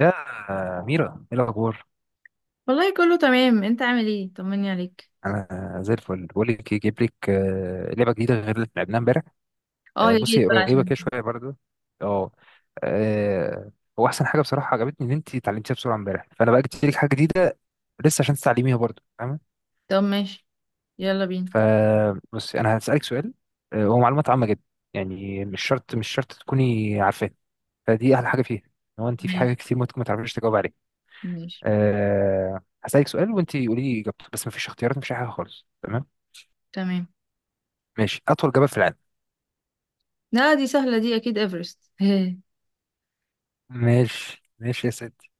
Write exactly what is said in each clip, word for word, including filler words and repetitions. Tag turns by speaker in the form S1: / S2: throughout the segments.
S1: يا ميرا، ايه الاخبار؟
S2: والله كله تمام. انت عامل ايه؟ طمني عليك.
S1: انا زي الفل. بقول لك ايه، جايب لك آه، لعبه جديده غير اللي لعبناها امبارح.
S2: اه
S1: آه،
S2: يا ريت
S1: بصي،
S2: بقى
S1: قريبه
S2: عشان.
S1: كده شويه برضه. اه آه، هو احسن حاجه بصراحه عجبتني ان انت اتعلمتيها بسرعه امبارح، فانا بقى جبت لك حاجه جديده لسه، عشان تتعلميها برضه، فاهمه؟
S2: طب ماشي، يلا بينا.
S1: فبصي، انا هسالك سؤال. آه، هو معلومات عامه جدا، يعني مش شرط مش شرط تكوني عارفاه، فدي احلى حاجه فيها، ان هو انت في حاجه
S2: ماشي
S1: كتير ممكن ما تعرفيش تجاوب عليها.
S2: ماشي،
S1: أه، هسألك سؤال وانت قولي لي اجابته، بس مفيش اختيارات، مفيش أي حاجه خالص، تمام؟
S2: تمام.
S1: ماشي، أطول جبل في العالم.
S2: لا دي سهلة، دي اكيد ايفرست.
S1: ماشي ماشي يا سيدي.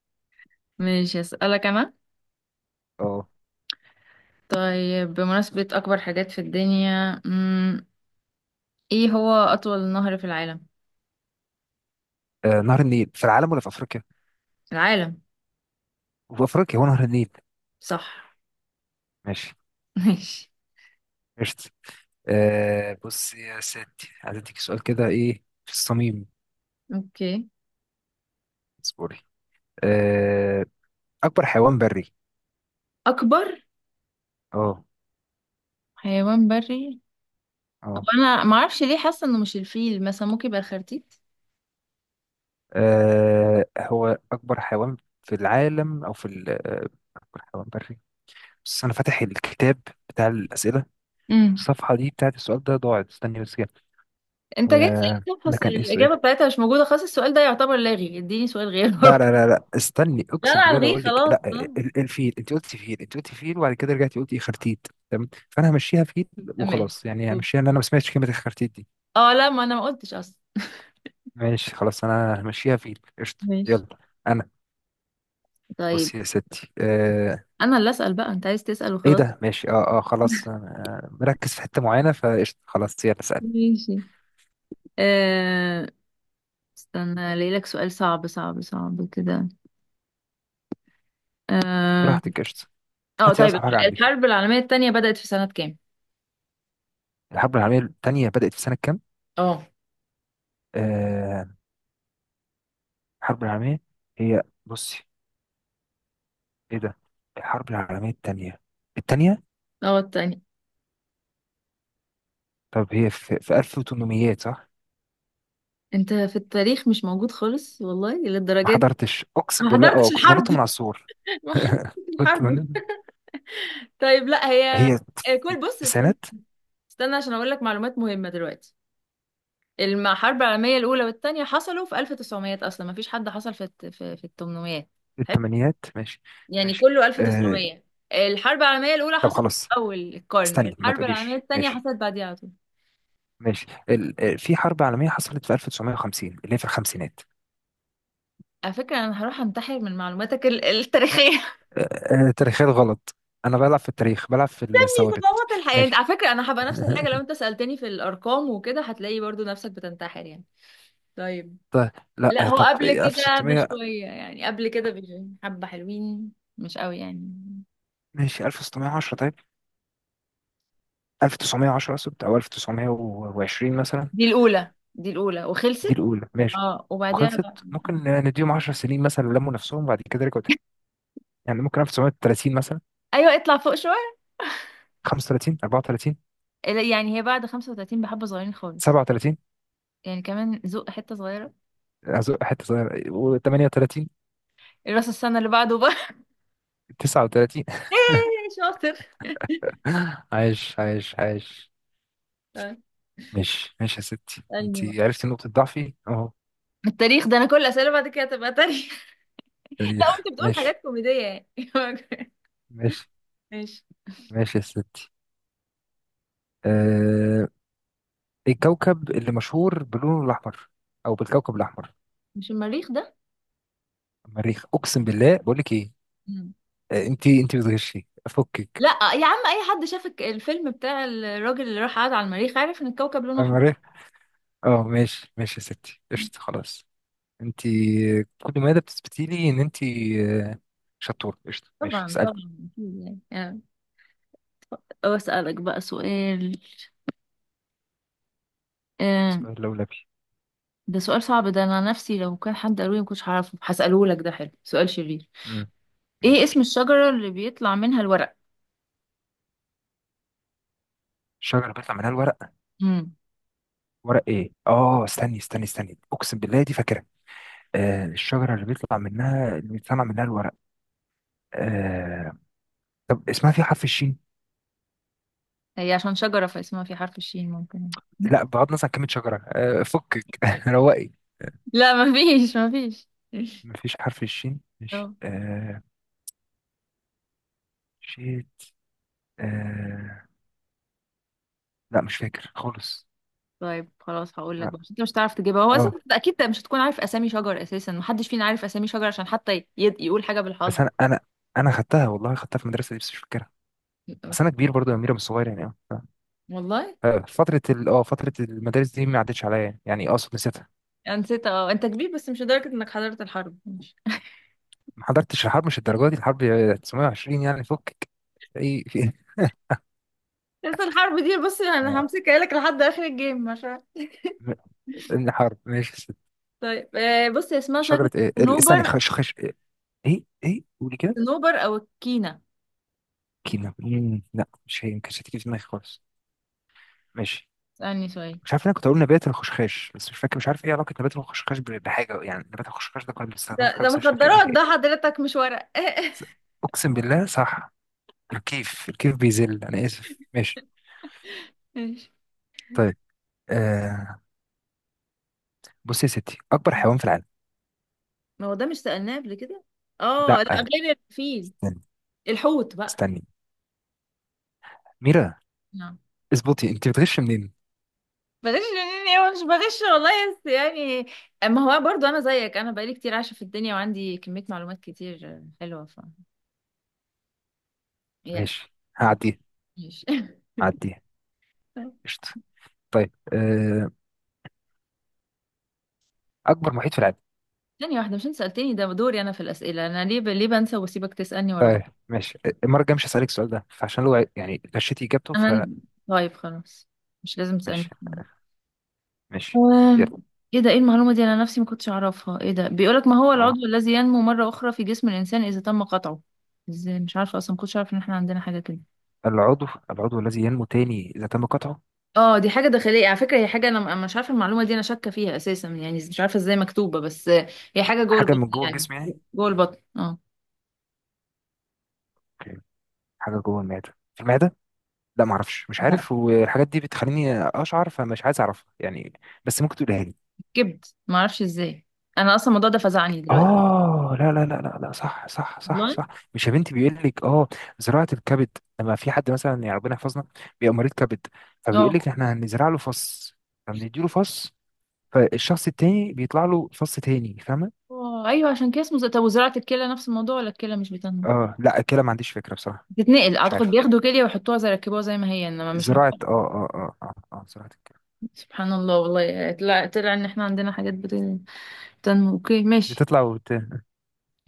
S2: ماشي، اسألك انا.
S1: أه.
S2: طيب بمناسبة اكبر حاجات في الدنيا، مم. ايه هو اطول نهر في العالم؟
S1: آه، نهر النيل في العالم ولا في أفريقيا؟
S2: العالم.
S1: في أفريقيا هو نهر النيل.
S2: صح.
S1: ماشي.
S2: ماشي.
S1: قشطة. أه، بص يا سيدي، عايز أديك سؤال كده إيه في الصميم.
S2: اوكي.
S1: اصبري. أه. أكبر حيوان بري.
S2: اكبر
S1: أه.
S2: حيوان بري؟ هو
S1: أه.
S2: انا معرفش ليه حاسة انه مش الفيل، مثلا ممكن يبقى الخرتيت.
S1: آه، هو أكبر حيوان في العالم أو في ال- آه، أكبر حيوان بري؟ بس أنا فاتح الكتاب بتاع الأسئلة، الصفحة دي بتاعت السؤال ده ضاعت، استني بس كده.
S2: انت جاي
S1: آه،
S2: تسألني
S1: ده
S2: تفحص
S1: كان إيه السؤال؟
S2: الإجابة بتاعتها مش موجودة، خلاص السؤال ده يعتبر لاغي، اديني سؤال غيره.
S1: لا لا لا لا، استني،
S2: لا
S1: اقسم
S2: انا
S1: بالله لو
S2: الغيه
S1: اقول لك
S2: خلاص.
S1: لا.
S2: آه.
S1: ال- الفيل، انت قلت فيل، انت قلت فيل وبعد كده رجعتي قلتي خرتيت، تمام؟ فانا همشيها فيل
S2: ماشي.
S1: وخلاص، يعني همشيها ان انا ما سمعتش كلمه الخرتيت دي.
S2: اه لا، ما انا ما قلتش اصلا.
S1: ماشي، خلاص انا همشيها فيل، قشطه،
S2: ماشي.
S1: يلا. انا.
S2: طيب
S1: بصي يا ستي، آه.
S2: انا اللي اسأل بقى، انت عايز تسأل
S1: ايه
S2: وخلاص.
S1: ده؟ ماشي. اه اه خلاص. آه مركز في حته معينه، فقشطه، خلاص يلا اسال.
S2: ماشي. آه... استنى الاقي لك سؤال صعب صعب صعب كده. اه.
S1: براحتك، قشطه.
S2: آه،
S1: هاتي
S2: طيب.
S1: اصعب حاجه عندك.
S2: الحرب العالمية التانية بدأت في سنة كام؟
S1: الحرب العالميه الثانيه بدات في سنه كام؟
S2: اه.
S1: آه. الحرب العالميه. هي، بصي. ايه ده؟ الحرب العالميه الثانيه. التانية.
S2: اه التانية.
S1: طب هي في في ألف وتمنمية صح؟
S2: انت في التاريخ مش موجود خالص، والله
S1: ما
S2: للدرجة دي.
S1: حضرتش اقسم
S2: ما
S1: بالله،
S2: حضرتش
S1: اه كنت
S2: الحرب.
S1: بنط من على السور.
S2: ما حضرتش
S1: كنت
S2: الحرب.
S1: بنط.
S2: طيب لا هي.
S1: هي
S2: آه،
S1: في
S2: كل بص استنى.
S1: التسعينات.
S2: استنى عشان اقول لك معلومات مهمة دلوقتي. الحرب العالمية الأولى والتانية حصلوا في ألف وتسعمية، أصلا ما فيش حد حصل في الت- في, في ال تمنمية.
S1: في
S2: حلو.
S1: الثمانينات. ماشي.
S2: يعني
S1: ماشي.
S2: كله
S1: آه...
S2: ألف وتسعمية. الحرب العالمية الأولى
S1: طب
S2: حصلت في
S1: خلاص.
S2: أول القرن،
S1: استني ما
S2: الحرب العالمية
S1: تقوليش
S2: التانية
S1: ماشي.
S2: حصلت بعديها على طول.
S1: ماشي ال... آه، في حرب عالمية حصلت في ألف وتسعمائة وخمسين اللي هي في الخمسينات.
S2: على فكرة أنا هروح أنتحر من معلوماتك ال- التاريخية.
S1: آه... آه... تاريخيات غلط. انا بلعب في التاريخ، بلعب في
S2: دي
S1: الثوابت.
S2: صدمات الحياة. انت
S1: ماشي.
S2: على فكرة أنا هبقى نفس الحاجة، لو أنت سألتني في الأرقام وكده هتلاقي برضو نفسك بتنتحر يعني. طيب
S1: طيب. لا
S2: لا،
S1: آه،
S2: هو
S1: طب
S2: قبل كده
S1: ألف وستمية؟
S2: بشوية، يعني قبل كده بحبة حلوين. مش قوي يعني.
S1: ماشي، ألف وستمية وعشرة طيب. ألف وتسعمية وعشرة اقصد، او ألف وتسعمية وعشرين مثلا.
S2: دي الأولى، دي الأولى
S1: دي
S2: وخلصت.
S1: الاولى، ماشي،
S2: اه وبعديها
S1: وخلصت.
S2: بقى.
S1: ممكن نديهم 10 سنين مثلا لموا نفسهم، بعد كده رجعوا تاني. يعني ممكن ألف وتسعمية وتلاتين مثلا.
S2: أيوة، اطلع فوق شوية.
S1: خمسة وتلاتين، أربعة وثلاثين.
S2: لا، يعني هي بعد خمسة وتلاتين بحبة صغيرين خالص.
S1: سبعة وثلاثين.
S2: يعني كمان زق حتة صغيرة.
S1: أزق حته صغيره، و38.
S2: الراس السنة اللي بعده بقى.
S1: تسعة وتلاتين.
S2: يا شاطر.
S1: عايش عايش عايش.
S2: آه،
S1: ماشي ماشي يا ستي، انت
S2: اسألني بقى.
S1: عرفتي نقطه ضعفي اهو.
S2: التاريخ ده، أنا كل أسئلة بعد كده هتبقى تاريخ. لا.
S1: تاريخ،
S2: وأنت بتقول
S1: ماشي.
S2: حاجات كوميدية يعني.
S1: ماشي.
S2: ماشي.
S1: ماشي يا ستي. أه... الكوكب اللي مشهور بلونه الاحمر، او بالكوكب الاحمر.
S2: مش المريخ
S1: المريخ، اقسم بالله، بقول لك ايه.
S2: ده؟
S1: آه، انت انت بتغشي، فكك.
S2: لا يا عم، اي حد شاف الك- الفيلم بتاع الراجل اللي راح قعد على المريخ عارف ان الكوكب لونه احمر.
S1: المريخ. اه، ماشي ماشي يا ستي، قشطة. خلاص، انت كل مادة بتثبتي لي ان انت شطورة، قشطة. ماشي،
S2: طبعا
S1: اسألك
S2: طبعا اكيد، يعني يعني. طب اسالك بقى سؤال. آه،
S1: سؤال لولبي.
S2: ده سؤال صعب، ده انا نفسي لو كان حد قالولي ما كنتش هعرفه، هساله لك، ده حلو، سؤال شرير.
S1: امم
S2: ايه
S1: ماشي.
S2: اسم الشجره اللي بيطلع منها الورق؟
S1: الشجرة بيطلع منها الورق.
S2: امم.
S1: ورق ايه؟ اه، استني استني استني، اقسم بالله دي فاكرة. آه، الشجرة اللي بيطلع منها، اللي بيطلع منها الورق آه. طب اسمها في حرف الشين؟
S2: هي عشان شجره فاسمها في حرف الشين ممكن.
S1: لا، بغض النظر عن كلمة شجرة، آه فكك. روقي.
S2: لا مفيش مفيش.
S1: مفيش حرف الشين، ماشي.
S2: اه.
S1: آه. شيت. آه. لا، مش فاكر خالص.
S2: طيب خلاص هقول لك
S1: لا.
S2: بقى، عشان انت مش هتعرف تجيبها، هو اصلا
S1: اه،
S2: انت اكيد مش هتكون عارف اسامي شجر، اساسا محدش فينا عارف اسامي شجر عشان حتى ي- يقول حاجه
S1: بس
S2: بالحظ.
S1: انا انا. انا خدتها والله، خدتها في المدرسه دي، بس مش فاكرها. بس انا كبير برضو يا اميره، مش صغير يعني، اه.
S2: والله
S1: ف- فتره ال اه فتره المدارس دي ما عدتش عليا، يعني يعني اقصد نسيتها.
S2: انا نسيت، اه انت كبير بس مش لدرجه انك حضرت الحرب، ماشي.
S1: ما حضرتش الحرب مش الدرجه دي الحرب، تسعمائة وعشرين يعني، فكك. ايه في ايه.
S2: بس الحرب دي بص انا
S1: آه،
S2: همسكها لك لحد اخر الجيم عشان.
S1: م- الحرب، ماشي يا ست.
S2: طيب آه، بص هي اسمها شجره.
S1: شجره ايه؟ ال- استني،
S2: صنوبر.
S1: خش خش ايه؟ ايه إيه؟ قولي كده.
S2: صنوبر او الكينا.
S1: كينا؟ مم، لا مش هي، ما كانتش هتيجي في دماغي خالص. ماشي.
S2: اسألني سؤال.
S1: مش عارف، انا كنت اقول نبات الخشخاش بس مش فاكر، مش عارف ايه علاقه نبات الخشخاش ب- بحاجه، يعني نبات الخشخاش ده كنا بنستخدمه في
S2: ده
S1: حاجه
S2: ده
S1: بس أنا مش فاكر
S2: مخدرات
S1: ايه هي.
S2: ده حضرتك، مش ورق.
S1: اقسم بالله صح. الكيف، الكيف بيذل، انا اسف، ماشي.
S2: ماشي.
S1: طيب. آه. بص يا ستي، اكبر حيوان في العالم.
S2: ما هو ده مش سألناه قبل كده؟ اه لا،
S1: لا،
S2: غير الفيل.
S1: استني.
S2: الحوت بقى.
S1: استني. ميرا،
S2: نعم.
S1: اظبطي، انت بتغش منين؟
S2: بلاش يعني، هو مش بغش والله بس يعني. ما هو برضو انا زيك، انا بقالي كتير عايشه في الدنيا وعندي كميه معلومات كتير حلوه، ف يعني.
S1: ماشي،
S2: اه،
S1: هعديها.
S2: ماشي.
S1: هعديها. قشطه. طيب، آه، اكبر محيط في العالم.
S2: ثانيه واحده، مش انت سالتني ده دوري انا في الاسئله، انا ليه ب... ليه بنسى واسيبك تسالني ورا بعض؟
S1: طيب. ماشي، المره الجايه مش هسالك السؤال ده، فعشان لو يعني غشيتي اجابته،
S2: انا.
S1: فماشي.
S2: طيب خلاص، مش لازم تسالني.
S1: ماشي.
S2: آم،
S1: يلا.
S2: ايه ده، ايه المعلومه دي؟ انا نفسي ما كنتش اعرفها. ايه ده بيقولك ما هو
S1: اه،
S2: العضو الذي ينمو مره اخرى في جسم الانسان اذا تم قطعه؟ ازاي مش عارفه؟ اصلا ما كنتش عارفه ان احنا عندنا حاجه كده.
S1: العضو العضو الذي ينمو تاني اذا تم قطعه.
S2: اه دي حاجة داخلية على فكرة، هي حاجة انا أنا مش عارفة المعلومة دي، انا شاكة فيها اساسا يعني، مش عارفة ازاي مكتوبة بس. هي حاجة جوه
S1: حاجه
S2: البطن
S1: من جوه
S2: يعني.
S1: الجسم يعني.
S2: جوه البطن اه.
S1: اوكي. حاجه جوه المعده، في المعده. لا، ما اعرفش، مش
S2: لا،
S1: عارف، والحاجات دي بتخليني اشعر، فمش عايز اعرفها يعني. بس ممكن تقولها لي.
S2: كبد. ما اعرفش ازاي. انا اصلا الموضوع ده فزعني دلوقتي.
S1: اه، لا لا لا لا لا، صح صح صح
S2: والله.
S1: صح. مش يا بنتي، بيقول لك اه، زراعه الكبد، لما في حد مثلا يعني ربنا يحفظنا بيبقى مريض كبد، فبيقول
S2: اه.
S1: لك احنا هنزرع له فص، فبندي له فص، فالشخص التاني بيطلع له فص تاني، فاهمه؟
S2: آه، ايوه عشان كده اسمه ز- طب وزراعة الكلى نفس الموضوع ولا الكلى مش بتنمو؟
S1: اه، لا كده ما عنديش فكره بصراحه.
S2: بتتنقل
S1: مش
S2: اعتقد،
S1: عارف.
S2: بياخدوا كلية ويحطوها زي يركبوها زي ما هي، انما مش
S1: زراعه،
S2: مطلع.
S1: اه اه اه اه, آه زراعه الكبد.
S2: سبحان الله والله، طلع طلع ان احنا عندنا حاجات بت- بتنمو. اوكي ماشي،
S1: بتطلع وبت...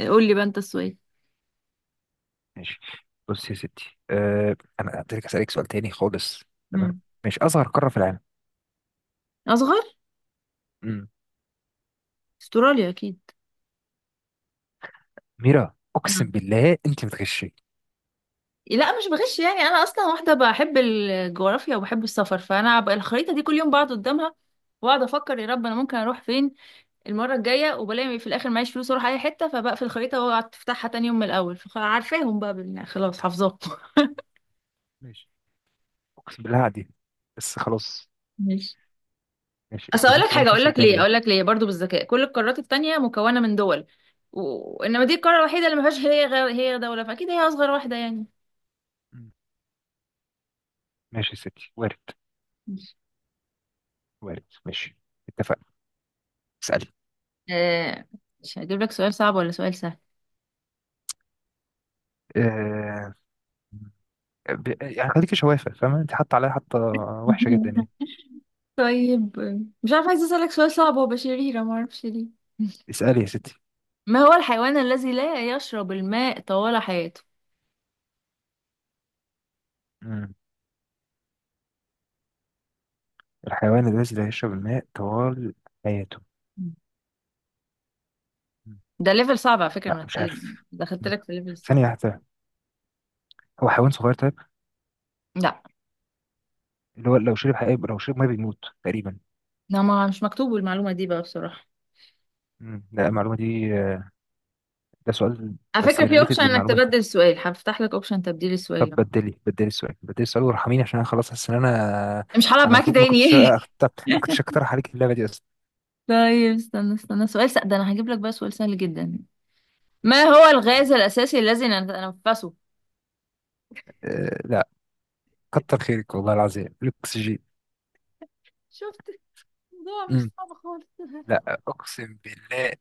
S2: قول لي بقى انت السؤال.
S1: ماشي. بص يا ستي، أه انا هديلك، اسالك سؤال تاني خالص. تمام.
S2: مم.
S1: ماشي، اصغر قاره في العالم.
S2: اصغر.
S1: امم
S2: استراليا اكيد.
S1: ميرا اقسم بالله انت بتغشي.
S2: لا مش بغش يعني، انا اصلا واحده بحب الجغرافيا وبحب السفر، فانا بقى الخريطه دي كل يوم بقعد قدامها واقعد افكر يا رب انا ممكن اروح فين المره الجايه، وبلاقي في الاخر معيش فلوس اروح اي حته، فبقفل الخريطه واقعد افتحها تاني يوم من الاول، فعارفاهم بقى بال- يعني خلاص حافظاهم.
S1: ماشي. اقسم بالله عادي. بس خلاص.
S2: ماشي.
S1: ماشي،
S2: اصل
S1: اللي
S2: اقول لك
S1: بيحصل ده
S2: حاجه،
S1: مش
S2: اقول
S1: هيحصل
S2: لك
S1: تاني
S2: ليه،
S1: يعني.
S2: اقول لك ليه برضو بالذكاء، كل القارات التانية مكونه من دول و- وانما دي القاره الوحيده اللي ما فيهاش هي غير هي، دوله، فاكيد هي اصغر واحده يعني.
S1: مم. ماشي يا ستي، وارد.
S2: ماشي.
S1: وارد، ماشي. اتفقنا. اسالي.
S2: آه، مش هجيب لك سؤال صعب ولا سؤال سهل.
S1: أه، ب... يعني خليكي شوافه، فاهمه؟ انت حاطه عليها حاطه وحشه جدا يعني.
S2: طيب. مش عارفة، عايزة أسألك سؤال صعب هو بشريرة معرفش ليه.
S1: اسالي يا ستي.
S2: ما هو الحيوان الذي لا يشرب الماء طوال حياته؟
S1: مم. الحيوان الذي لا يشرب الماء طوال حياته. مم.
S2: ده ليفل صعب على فكرة
S1: لا،
S2: من
S1: مش
S2: العلم.
S1: عارف.
S2: دخلت
S1: مم.
S2: لك في ليفل
S1: ثانية
S2: صعب.
S1: واحدة. هو حيوان صغير، طيب،
S2: لا.
S1: اللي هو لو شرب حقيقة، لو شرب ميه بيموت تقريبا.
S2: لا ما مش مكتوب المعلومة دي بقى بصراحة.
S1: مم. لا، المعلومة دي، ده سؤال.
S2: على
S1: بس
S2: فكرة في اوبشن
S1: ريليتد
S2: انك
S1: للمعلومة دي.
S2: تبدل السؤال، هفتح لك اوبشن تبديل السؤال
S1: طب
S2: ده.
S1: بدلي، بدلي السؤال بدلي السؤال، وارحميني عشان انا خلاص، حاسس ان انا
S2: مش هلعب
S1: انا
S2: معاكي
S1: المفروض ما
S2: تاني.
S1: كنتش أكتر... ما كنتش اقترح عليك اللعبة دي اصلا.
S2: طيب استنى استنى، سؤال سهل، ده انا هجيب لك بقى سؤال سهل جدا. ما هو الغاز الاساسي الذي نتنفسه؟
S1: أه... لا، كتر خيرك والله العظيم، الاكسجين.
S2: شفت، الموضوع مش
S1: مم.
S2: صعب خالص.
S1: لا اقسم بالله،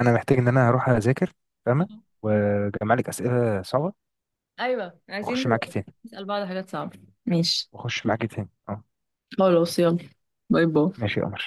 S1: انا محتاج ان انا اروح اذاكر، فاهمة، واجمع لك اسئلة صعبة،
S2: ايوه عايزين
S1: واخش معاكي تاني.
S2: نسأل بعض حاجات صعبة. ماشي.
S1: واخش معاكي تاني، اه.
S2: خلاص يلا، باي باي.
S1: ماشي يا قمر.